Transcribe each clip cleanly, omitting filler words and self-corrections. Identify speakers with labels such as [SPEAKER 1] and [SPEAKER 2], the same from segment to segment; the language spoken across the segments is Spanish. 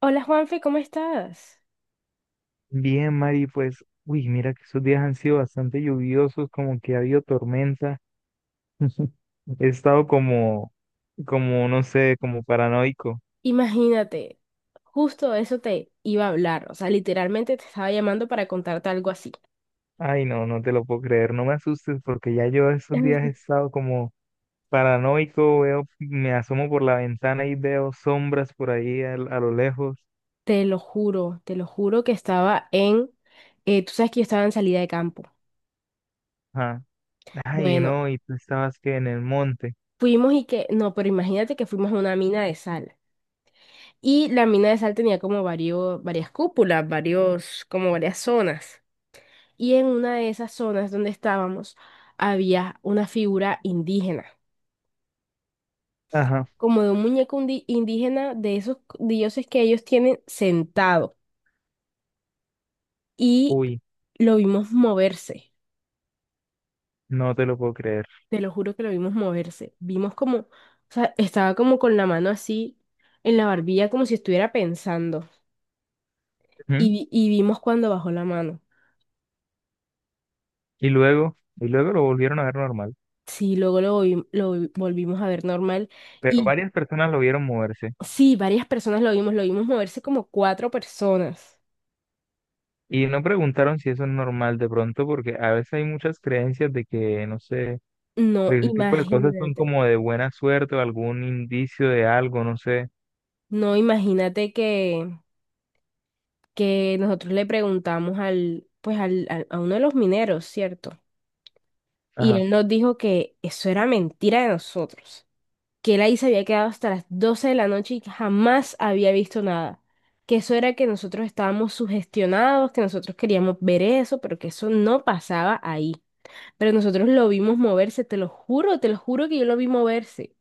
[SPEAKER 1] Hola, Juanfe, ¿cómo estás?
[SPEAKER 2] Bien, Mari, pues, uy, mira que estos días han sido bastante lluviosos, como que ha habido tormenta. He estado como, no sé, como paranoico.
[SPEAKER 1] Imagínate, justo eso te iba a hablar, o sea, literalmente te estaba llamando para contarte algo así.
[SPEAKER 2] Ay, no, no te lo puedo creer. No me asustes porque ya yo estos días he estado como paranoico. Veo, me asomo por la ventana y veo sombras por ahí a lo lejos.
[SPEAKER 1] Te lo juro, tú sabes que yo estaba en salida de campo.
[SPEAKER 2] Ajá. Ay,
[SPEAKER 1] Bueno,
[SPEAKER 2] no, y tú estabas que en el monte.
[SPEAKER 1] fuimos y que, no, pero imagínate que fuimos a una mina de sal. Y la mina de sal tenía como varias cúpulas, varios, como varias zonas. Y en una de esas zonas donde estábamos había una figura indígena,
[SPEAKER 2] Ajá.
[SPEAKER 1] como de un muñeco indígena, de esos dioses que ellos tienen sentado. Y
[SPEAKER 2] Uy,
[SPEAKER 1] lo vimos moverse,
[SPEAKER 2] no te lo puedo creer.
[SPEAKER 1] te lo juro que lo vimos moverse. Vimos como, o sea, estaba como con la mano así en la barbilla, como si estuviera pensando. Y,
[SPEAKER 2] Ujú.
[SPEAKER 1] y vimos cuando bajó la mano.
[SPEAKER 2] Y luego, lo volvieron a ver normal.
[SPEAKER 1] Sí, luego volvimos a ver normal.
[SPEAKER 2] Pero
[SPEAKER 1] Y
[SPEAKER 2] varias personas lo vieron moverse
[SPEAKER 1] sí, varias personas lo vimos moverse, como cuatro personas.
[SPEAKER 2] y no preguntaron si eso es normal de pronto, porque a veces hay muchas creencias de que, no sé, de que
[SPEAKER 1] No,
[SPEAKER 2] ese tipo de cosas son
[SPEAKER 1] imagínate,
[SPEAKER 2] como de buena suerte o algún indicio de algo, no sé.
[SPEAKER 1] no, imagínate que nosotros le preguntamos al, pues a uno de los mineros, ¿cierto? Y
[SPEAKER 2] Ajá.
[SPEAKER 1] él nos dijo que eso era mentira de nosotros, que él ahí se había quedado hasta las 12 de la noche y que jamás había visto nada, que eso era que nosotros estábamos sugestionados, que nosotros queríamos ver eso, pero que eso no pasaba ahí. Pero nosotros lo vimos moverse, te lo juro que yo lo vi moverse.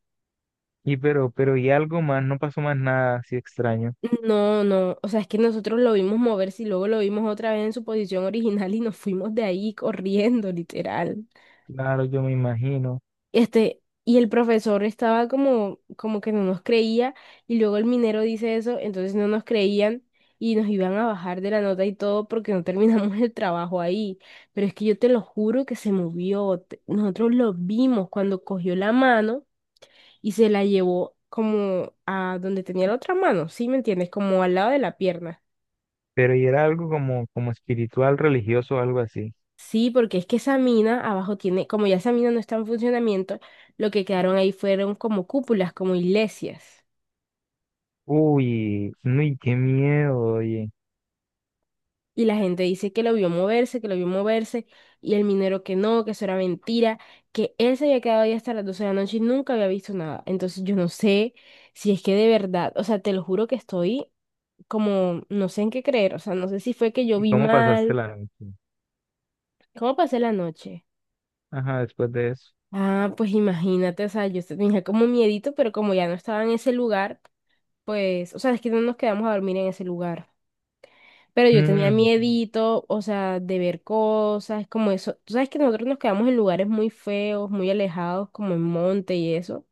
[SPEAKER 2] Y pero y algo más, no pasó más nada así extraño.
[SPEAKER 1] No, no, o sea, es que nosotros lo vimos moverse y luego lo vimos otra vez en su posición original y nos fuimos de ahí corriendo, literal.
[SPEAKER 2] Claro, yo me imagino.
[SPEAKER 1] Este, y el profesor estaba como, como que no nos creía, y luego el minero dice eso, entonces no nos creían y nos iban a bajar de la nota y todo porque no terminamos el trabajo ahí. Pero es que yo te lo juro que se movió. Nosotros lo vimos cuando cogió la mano y se la llevó como a donde tenía la otra mano, ¿sí me entiendes? Como al lado de la pierna.
[SPEAKER 2] Pero y era algo como espiritual, religioso, algo así.
[SPEAKER 1] Sí, porque es que esa mina abajo tiene, como ya esa mina no está en funcionamiento, lo que quedaron ahí fueron como cúpulas, como iglesias.
[SPEAKER 2] Uy, uy, qué miedo, oye.
[SPEAKER 1] Y la gente dice que lo vio moverse, que lo vio moverse, y el minero que no, que eso era mentira, que él se había quedado ahí hasta las 12 de la noche y nunca había visto nada. Entonces yo no sé si es que de verdad, o sea, te lo juro que estoy como, no sé en qué creer, o sea, no sé si fue que yo
[SPEAKER 2] ¿Y
[SPEAKER 1] vi
[SPEAKER 2] cómo pasaste
[SPEAKER 1] mal.
[SPEAKER 2] la noche?
[SPEAKER 1] ¿Cómo pasé la noche?
[SPEAKER 2] Ajá, después de eso.
[SPEAKER 1] Ah, pues imagínate, o sea, yo tenía como miedito, pero como ya no estaba en ese lugar, pues, o sea, es que no nos quedamos a dormir en ese lugar. Pero yo tenía
[SPEAKER 2] Mm,
[SPEAKER 1] miedito, o sea, de ver cosas, como eso. Tú sabes que nosotros nos quedamos en lugares muy feos, muy alejados, como en monte y eso.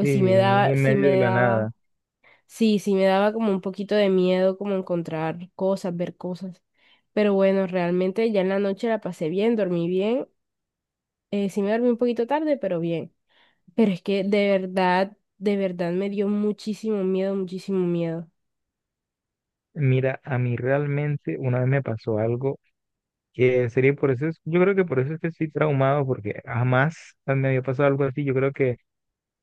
[SPEAKER 2] sí,
[SPEAKER 1] sí me
[SPEAKER 2] muy
[SPEAKER 1] daba,
[SPEAKER 2] en
[SPEAKER 1] sí
[SPEAKER 2] medio de
[SPEAKER 1] me
[SPEAKER 2] la
[SPEAKER 1] daba,
[SPEAKER 2] nada.
[SPEAKER 1] sí, sí me daba como un poquito de miedo, como encontrar cosas, ver cosas. Pero bueno, realmente ya en la noche la pasé bien, dormí bien. Sí me dormí un poquito tarde, pero bien. Pero es que de verdad me dio muchísimo miedo, muchísimo miedo.
[SPEAKER 2] Mira, a mí realmente una vez me pasó algo que en serio por eso es, yo creo que por eso es que estoy traumado, porque jamás me había pasado algo así. Yo creo que,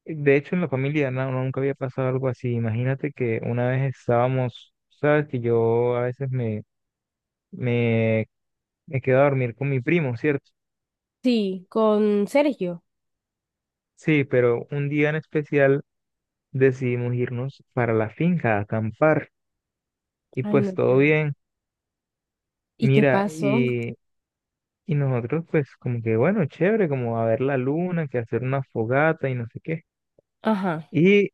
[SPEAKER 2] de hecho, en la familia no, no, nunca había pasado algo así. Imagínate que una vez estábamos, sabes que yo a veces me, me quedo a dormir con mi primo, ¿cierto?
[SPEAKER 1] Sí, con Sergio.
[SPEAKER 2] Sí, pero un día en especial decidimos irnos para la finca a acampar y
[SPEAKER 1] Ay, no
[SPEAKER 2] pues todo
[SPEAKER 1] sé.
[SPEAKER 2] bien.
[SPEAKER 1] ¿Y qué
[SPEAKER 2] Mira,
[SPEAKER 1] pasó?
[SPEAKER 2] y nosotros, pues, como que, bueno, chévere, como a ver la luna, que hacer una fogata y no sé qué.
[SPEAKER 1] Ajá.
[SPEAKER 2] Y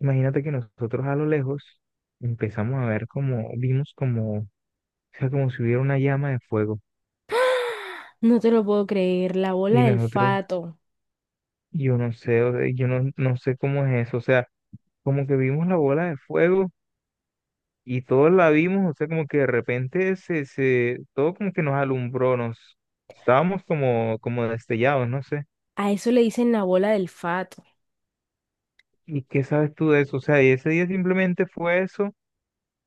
[SPEAKER 2] imagínate que nosotros a lo lejos empezamos a ver como, vimos como, o sea, como si hubiera una llama de fuego.
[SPEAKER 1] No te lo puedo creer, la bola
[SPEAKER 2] Y
[SPEAKER 1] del
[SPEAKER 2] nosotros,
[SPEAKER 1] fato.
[SPEAKER 2] yo no sé, o sea, yo no sé cómo es eso. O sea, como que vimos la bola de fuego y todos la vimos, o sea, como que de repente todo como que nos alumbró, estábamos como destellados, no sé.
[SPEAKER 1] A eso le dicen la bola del fato.
[SPEAKER 2] ¿Y qué sabes tú de eso? O sea, y ese día simplemente fue eso.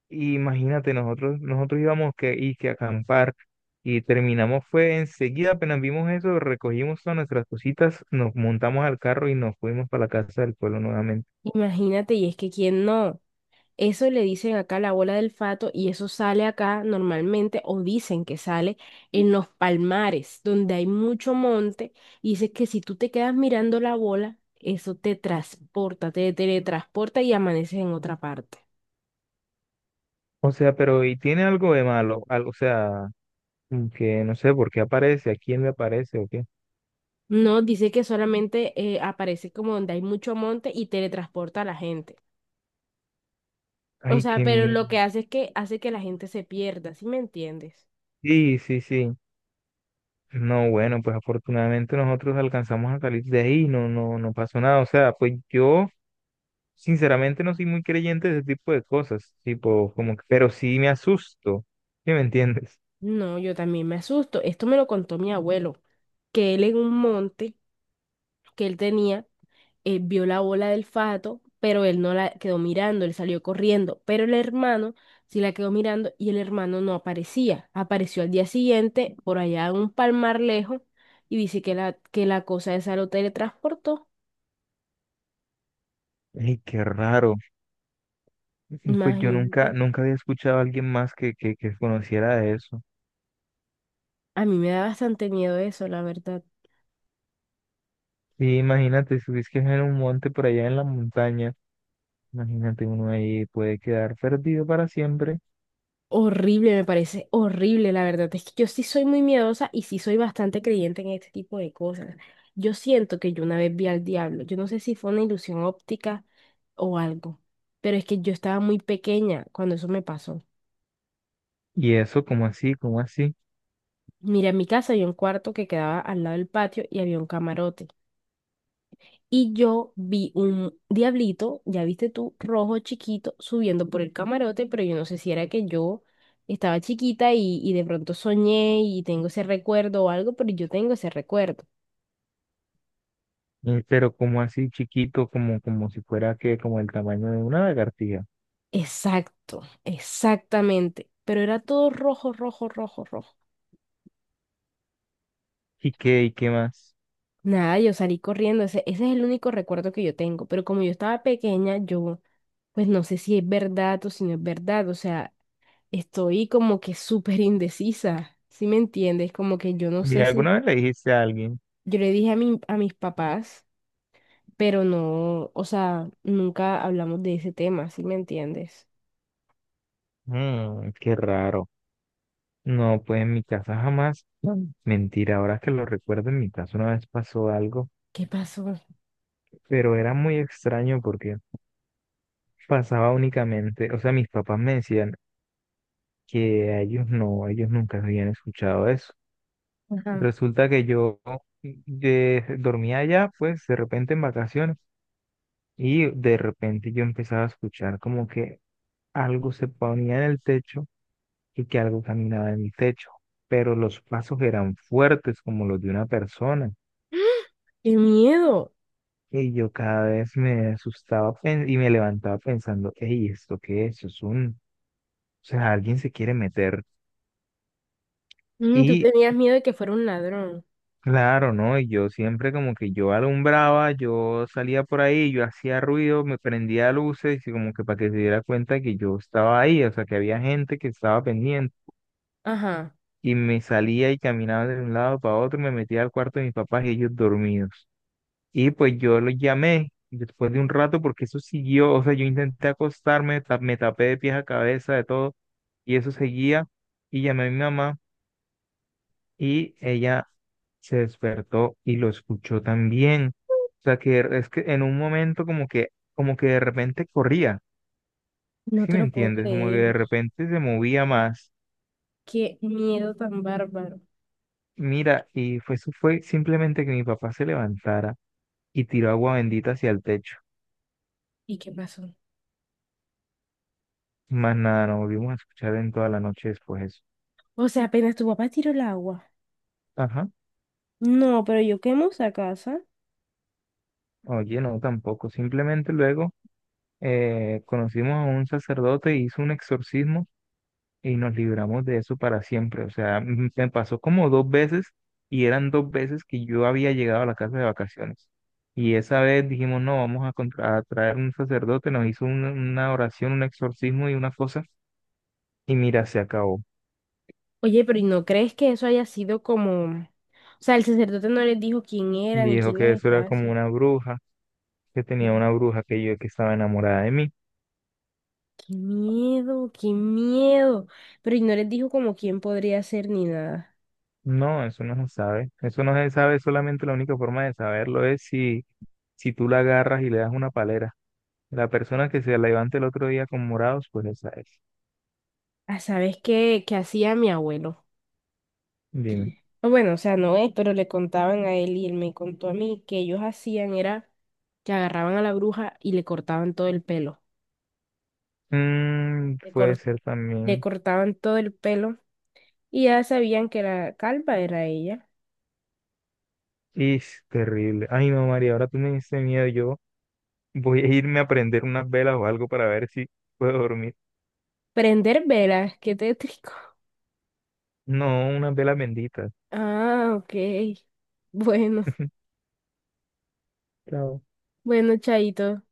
[SPEAKER 2] Y imagínate, nosotros íbamos que, y que a acampar y terminamos fue enseguida, apenas vimos eso, recogimos todas nuestras cositas, nos montamos al carro y nos fuimos para la casa del pueblo nuevamente.
[SPEAKER 1] Imagínate, y es que quién no. Eso le dicen acá la bola del fato y eso sale acá normalmente, o dicen que sale en los palmares donde hay mucho monte, y dices que si tú te quedas mirando la bola, eso te transporta, te teletransporta y amaneces en otra parte.
[SPEAKER 2] O sea, pero ¿y tiene algo de malo? Algo, o sea, como que no sé por qué aparece, a quién le aparece o qué.
[SPEAKER 1] No, dice que solamente aparece como donde hay mucho monte y teletransporta a la gente. O
[SPEAKER 2] Ay,
[SPEAKER 1] sea,
[SPEAKER 2] qué
[SPEAKER 1] pero
[SPEAKER 2] miedo.
[SPEAKER 1] lo que hace es que hace que la gente se pierda, ¿sí me entiendes?
[SPEAKER 2] Sí, sí, sí. No, bueno, pues afortunadamente nosotros alcanzamos a salir de ahí, no, no, no pasó nada. O sea, pues yo sinceramente no soy muy creyente de ese tipo de cosas, tipo, como que, pero sí me asusto, ¿sí me entiendes?
[SPEAKER 1] No, yo también me asusto. Esto me lo contó mi abuelo, que él en un monte que él tenía, vio la bola del fato, pero él no la quedó mirando, él salió corriendo, pero el hermano sí la quedó mirando y el hermano no aparecía. Apareció al día siguiente por allá en un palmar lejos, y dice que que la cosa esa lo teletransportó.
[SPEAKER 2] Ay, qué raro. Pues yo nunca,
[SPEAKER 1] Imagínate.
[SPEAKER 2] nunca había escuchado a alguien más que conociera de eso.
[SPEAKER 1] A mí me da bastante miedo eso, la verdad.
[SPEAKER 2] Sí, imagínate, si es que es en un monte por allá en la montaña, imagínate uno ahí puede quedar perdido para siempre.
[SPEAKER 1] Horrible, me parece horrible, la verdad. Es que yo sí soy muy miedosa y sí soy bastante creyente en este tipo de cosas. Yo siento que yo una vez vi al diablo. Yo no sé si fue una ilusión óptica o algo, pero es que yo estaba muy pequeña cuando eso me pasó.
[SPEAKER 2] Y eso, como así, como así.
[SPEAKER 1] Mira, en mi casa había un cuarto que quedaba al lado del patio y había un camarote, y yo vi un diablito, ya viste tú, rojo chiquito, subiendo por el camarote, pero yo no sé si era que yo estaba chiquita y de pronto soñé y tengo ese recuerdo o algo, pero yo tengo ese recuerdo.
[SPEAKER 2] Pero como así chiquito, como si fuera que, como el tamaño de una lagartija.
[SPEAKER 1] Exacto, exactamente. Pero era todo rojo, rojo, rojo, rojo.
[SPEAKER 2] ¿Y qué más?
[SPEAKER 1] Nada, yo salí corriendo, ese es el único recuerdo que yo tengo, pero como yo estaba pequeña, yo pues no sé si es verdad o si no es verdad, o sea, estoy como que súper indecisa, ¿sí me entiendes? Como que yo no
[SPEAKER 2] ¿Y
[SPEAKER 1] sé si,
[SPEAKER 2] alguna vez le dijiste a alguien?
[SPEAKER 1] yo le dije a mi, a mis papás, pero no, o sea, nunca hablamos de ese tema, ¿sí me entiendes?
[SPEAKER 2] Mm, qué raro. No, pues en mi casa jamás. Mm. Mentira, ahora que lo recuerdo, en mi casa una vez pasó algo,
[SPEAKER 1] ¿Qué pasó?
[SPEAKER 2] pero era muy extraño porque pasaba únicamente, o sea, mis papás me decían que a ellos no, ellos nunca habían escuchado eso.
[SPEAKER 1] Ajá.
[SPEAKER 2] Resulta que yo dormía allá, pues de repente en vacaciones, y de repente yo empezaba a escuchar como que algo se ponía en el techo y que algo caminaba en mi techo, pero los pasos eran fuertes como los de una persona.
[SPEAKER 1] ¡Qué miedo!
[SPEAKER 2] Y yo cada vez me asustaba y me levantaba pensando, hey, ¿esto qué es? O sea, alguien se quiere meter.
[SPEAKER 1] Mm, tú
[SPEAKER 2] Y
[SPEAKER 1] tenías miedo de que fuera un ladrón.
[SPEAKER 2] claro, ¿no? Y yo siempre como que yo alumbraba, yo salía por ahí, yo hacía ruido, me prendía luces y como que para que se diera cuenta que yo estaba ahí, o sea, que había gente que estaba pendiente.
[SPEAKER 1] Ajá.
[SPEAKER 2] Y me salía y caminaba de un lado para otro, me metía al cuarto de mis papás y ellos dormidos. Y pues yo lo llamé después de un rato porque eso siguió, o sea, yo intenté acostarme, me tapé de pies a cabeza, de todo, y eso seguía. Y llamé a mi mamá y ella se despertó y lo escuchó también. O sea, que es que en un momento como que, de repente corría,
[SPEAKER 1] No
[SPEAKER 2] ¿sí
[SPEAKER 1] te
[SPEAKER 2] me
[SPEAKER 1] lo puedo
[SPEAKER 2] entiendes? Como que
[SPEAKER 1] creer.
[SPEAKER 2] de repente se movía más.
[SPEAKER 1] Qué miedo tan bárbaro.
[SPEAKER 2] Mira, eso fue simplemente que mi papá se levantara y tiró agua bendita hacia el techo.
[SPEAKER 1] ¿Y qué pasó?
[SPEAKER 2] Más nada, no volvimos a escuchar en toda la noche después eso.
[SPEAKER 1] O sea, apenas tu papá tiró el agua.
[SPEAKER 2] Ajá.
[SPEAKER 1] No, pero yo quemo esa casa.
[SPEAKER 2] Oye, no, tampoco. Simplemente luego conocimos a un sacerdote, hizo un exorcismo y nos libramos de eso para siempre. O sea, me pasó como dos veces y eran dos veces que yo había llegado a la casa de vacaciones. Y esa vez dijimos, no, vamos a traer un sacerdote, nos hizo una oración, un exorcismo y una cosa. Y mira, se acabó.
[SPEAKER 1] Oye, pero ¿y no crees que eso haya sido como... O sea, el sacerdote no les dijo quién era ni
[SPEAKER 2] Dijo
[SPEAKER 1] quién
[SPEAKER 2] que
[SPEAKER 1] les
[SPEAKER 2] eso era
[SPEAKER 1] estaba
[SPEAKER 2] como
[SPEAKER 1] así.
[SPEAKER 2] una bruja, que
[SPEAKER 1] Qué
[SPEAKER 2] tenía una bruja que yo que estaba enamorada de mí.
[SPEAKER 1] miedo, qué miedo. Pero ¿y no les dijo como quién podría ser ni nada?
[SPEAKER 2] No, eso no se sabe. Eso no se sabe, solamente la única forma de saberlo es si, tú la agarras y le das una palera. La persona que se levante el otro día con morados, pues esa es.
[SPEAKER 1] Ah, ¿sabes qué, qué hacía mi abuelo?
[SPEAKER 2] Dime.
[SPEAKER 1] O bueno, o sea, no es, pero le contaban a él y él me contó a mí que ellos hacían era que agarraban a la bruja y le cortaban todo el pelo.
[SPEAKER 2] Mm,
[SPEAKER 1] Le,
[SPEAKER 2] puede
[SPEAKER 1] cor-
[SPEAKER 2] ser
[SPEAKER 1] Le
[SPEAKER 2] también.
[SPEAKER 1] cortaban todo el pelo y ya sabían que la calva era ella.
[SPEAKER 2] Es terrible. Ay, no, María, ahora tú me diste miedo. Yo voy a irme a prender unas velas o algo para ver si puedo dormir.
[SPEAKER 1] Prender velas, qué tétrico.
[SPEAKER 2] No, unas velas benditas.
[SPEAKER 1] Ah, ok. Bueno,
[SPEAKER 2] Chao.
[SPEAKER 1] bueno, Chaito.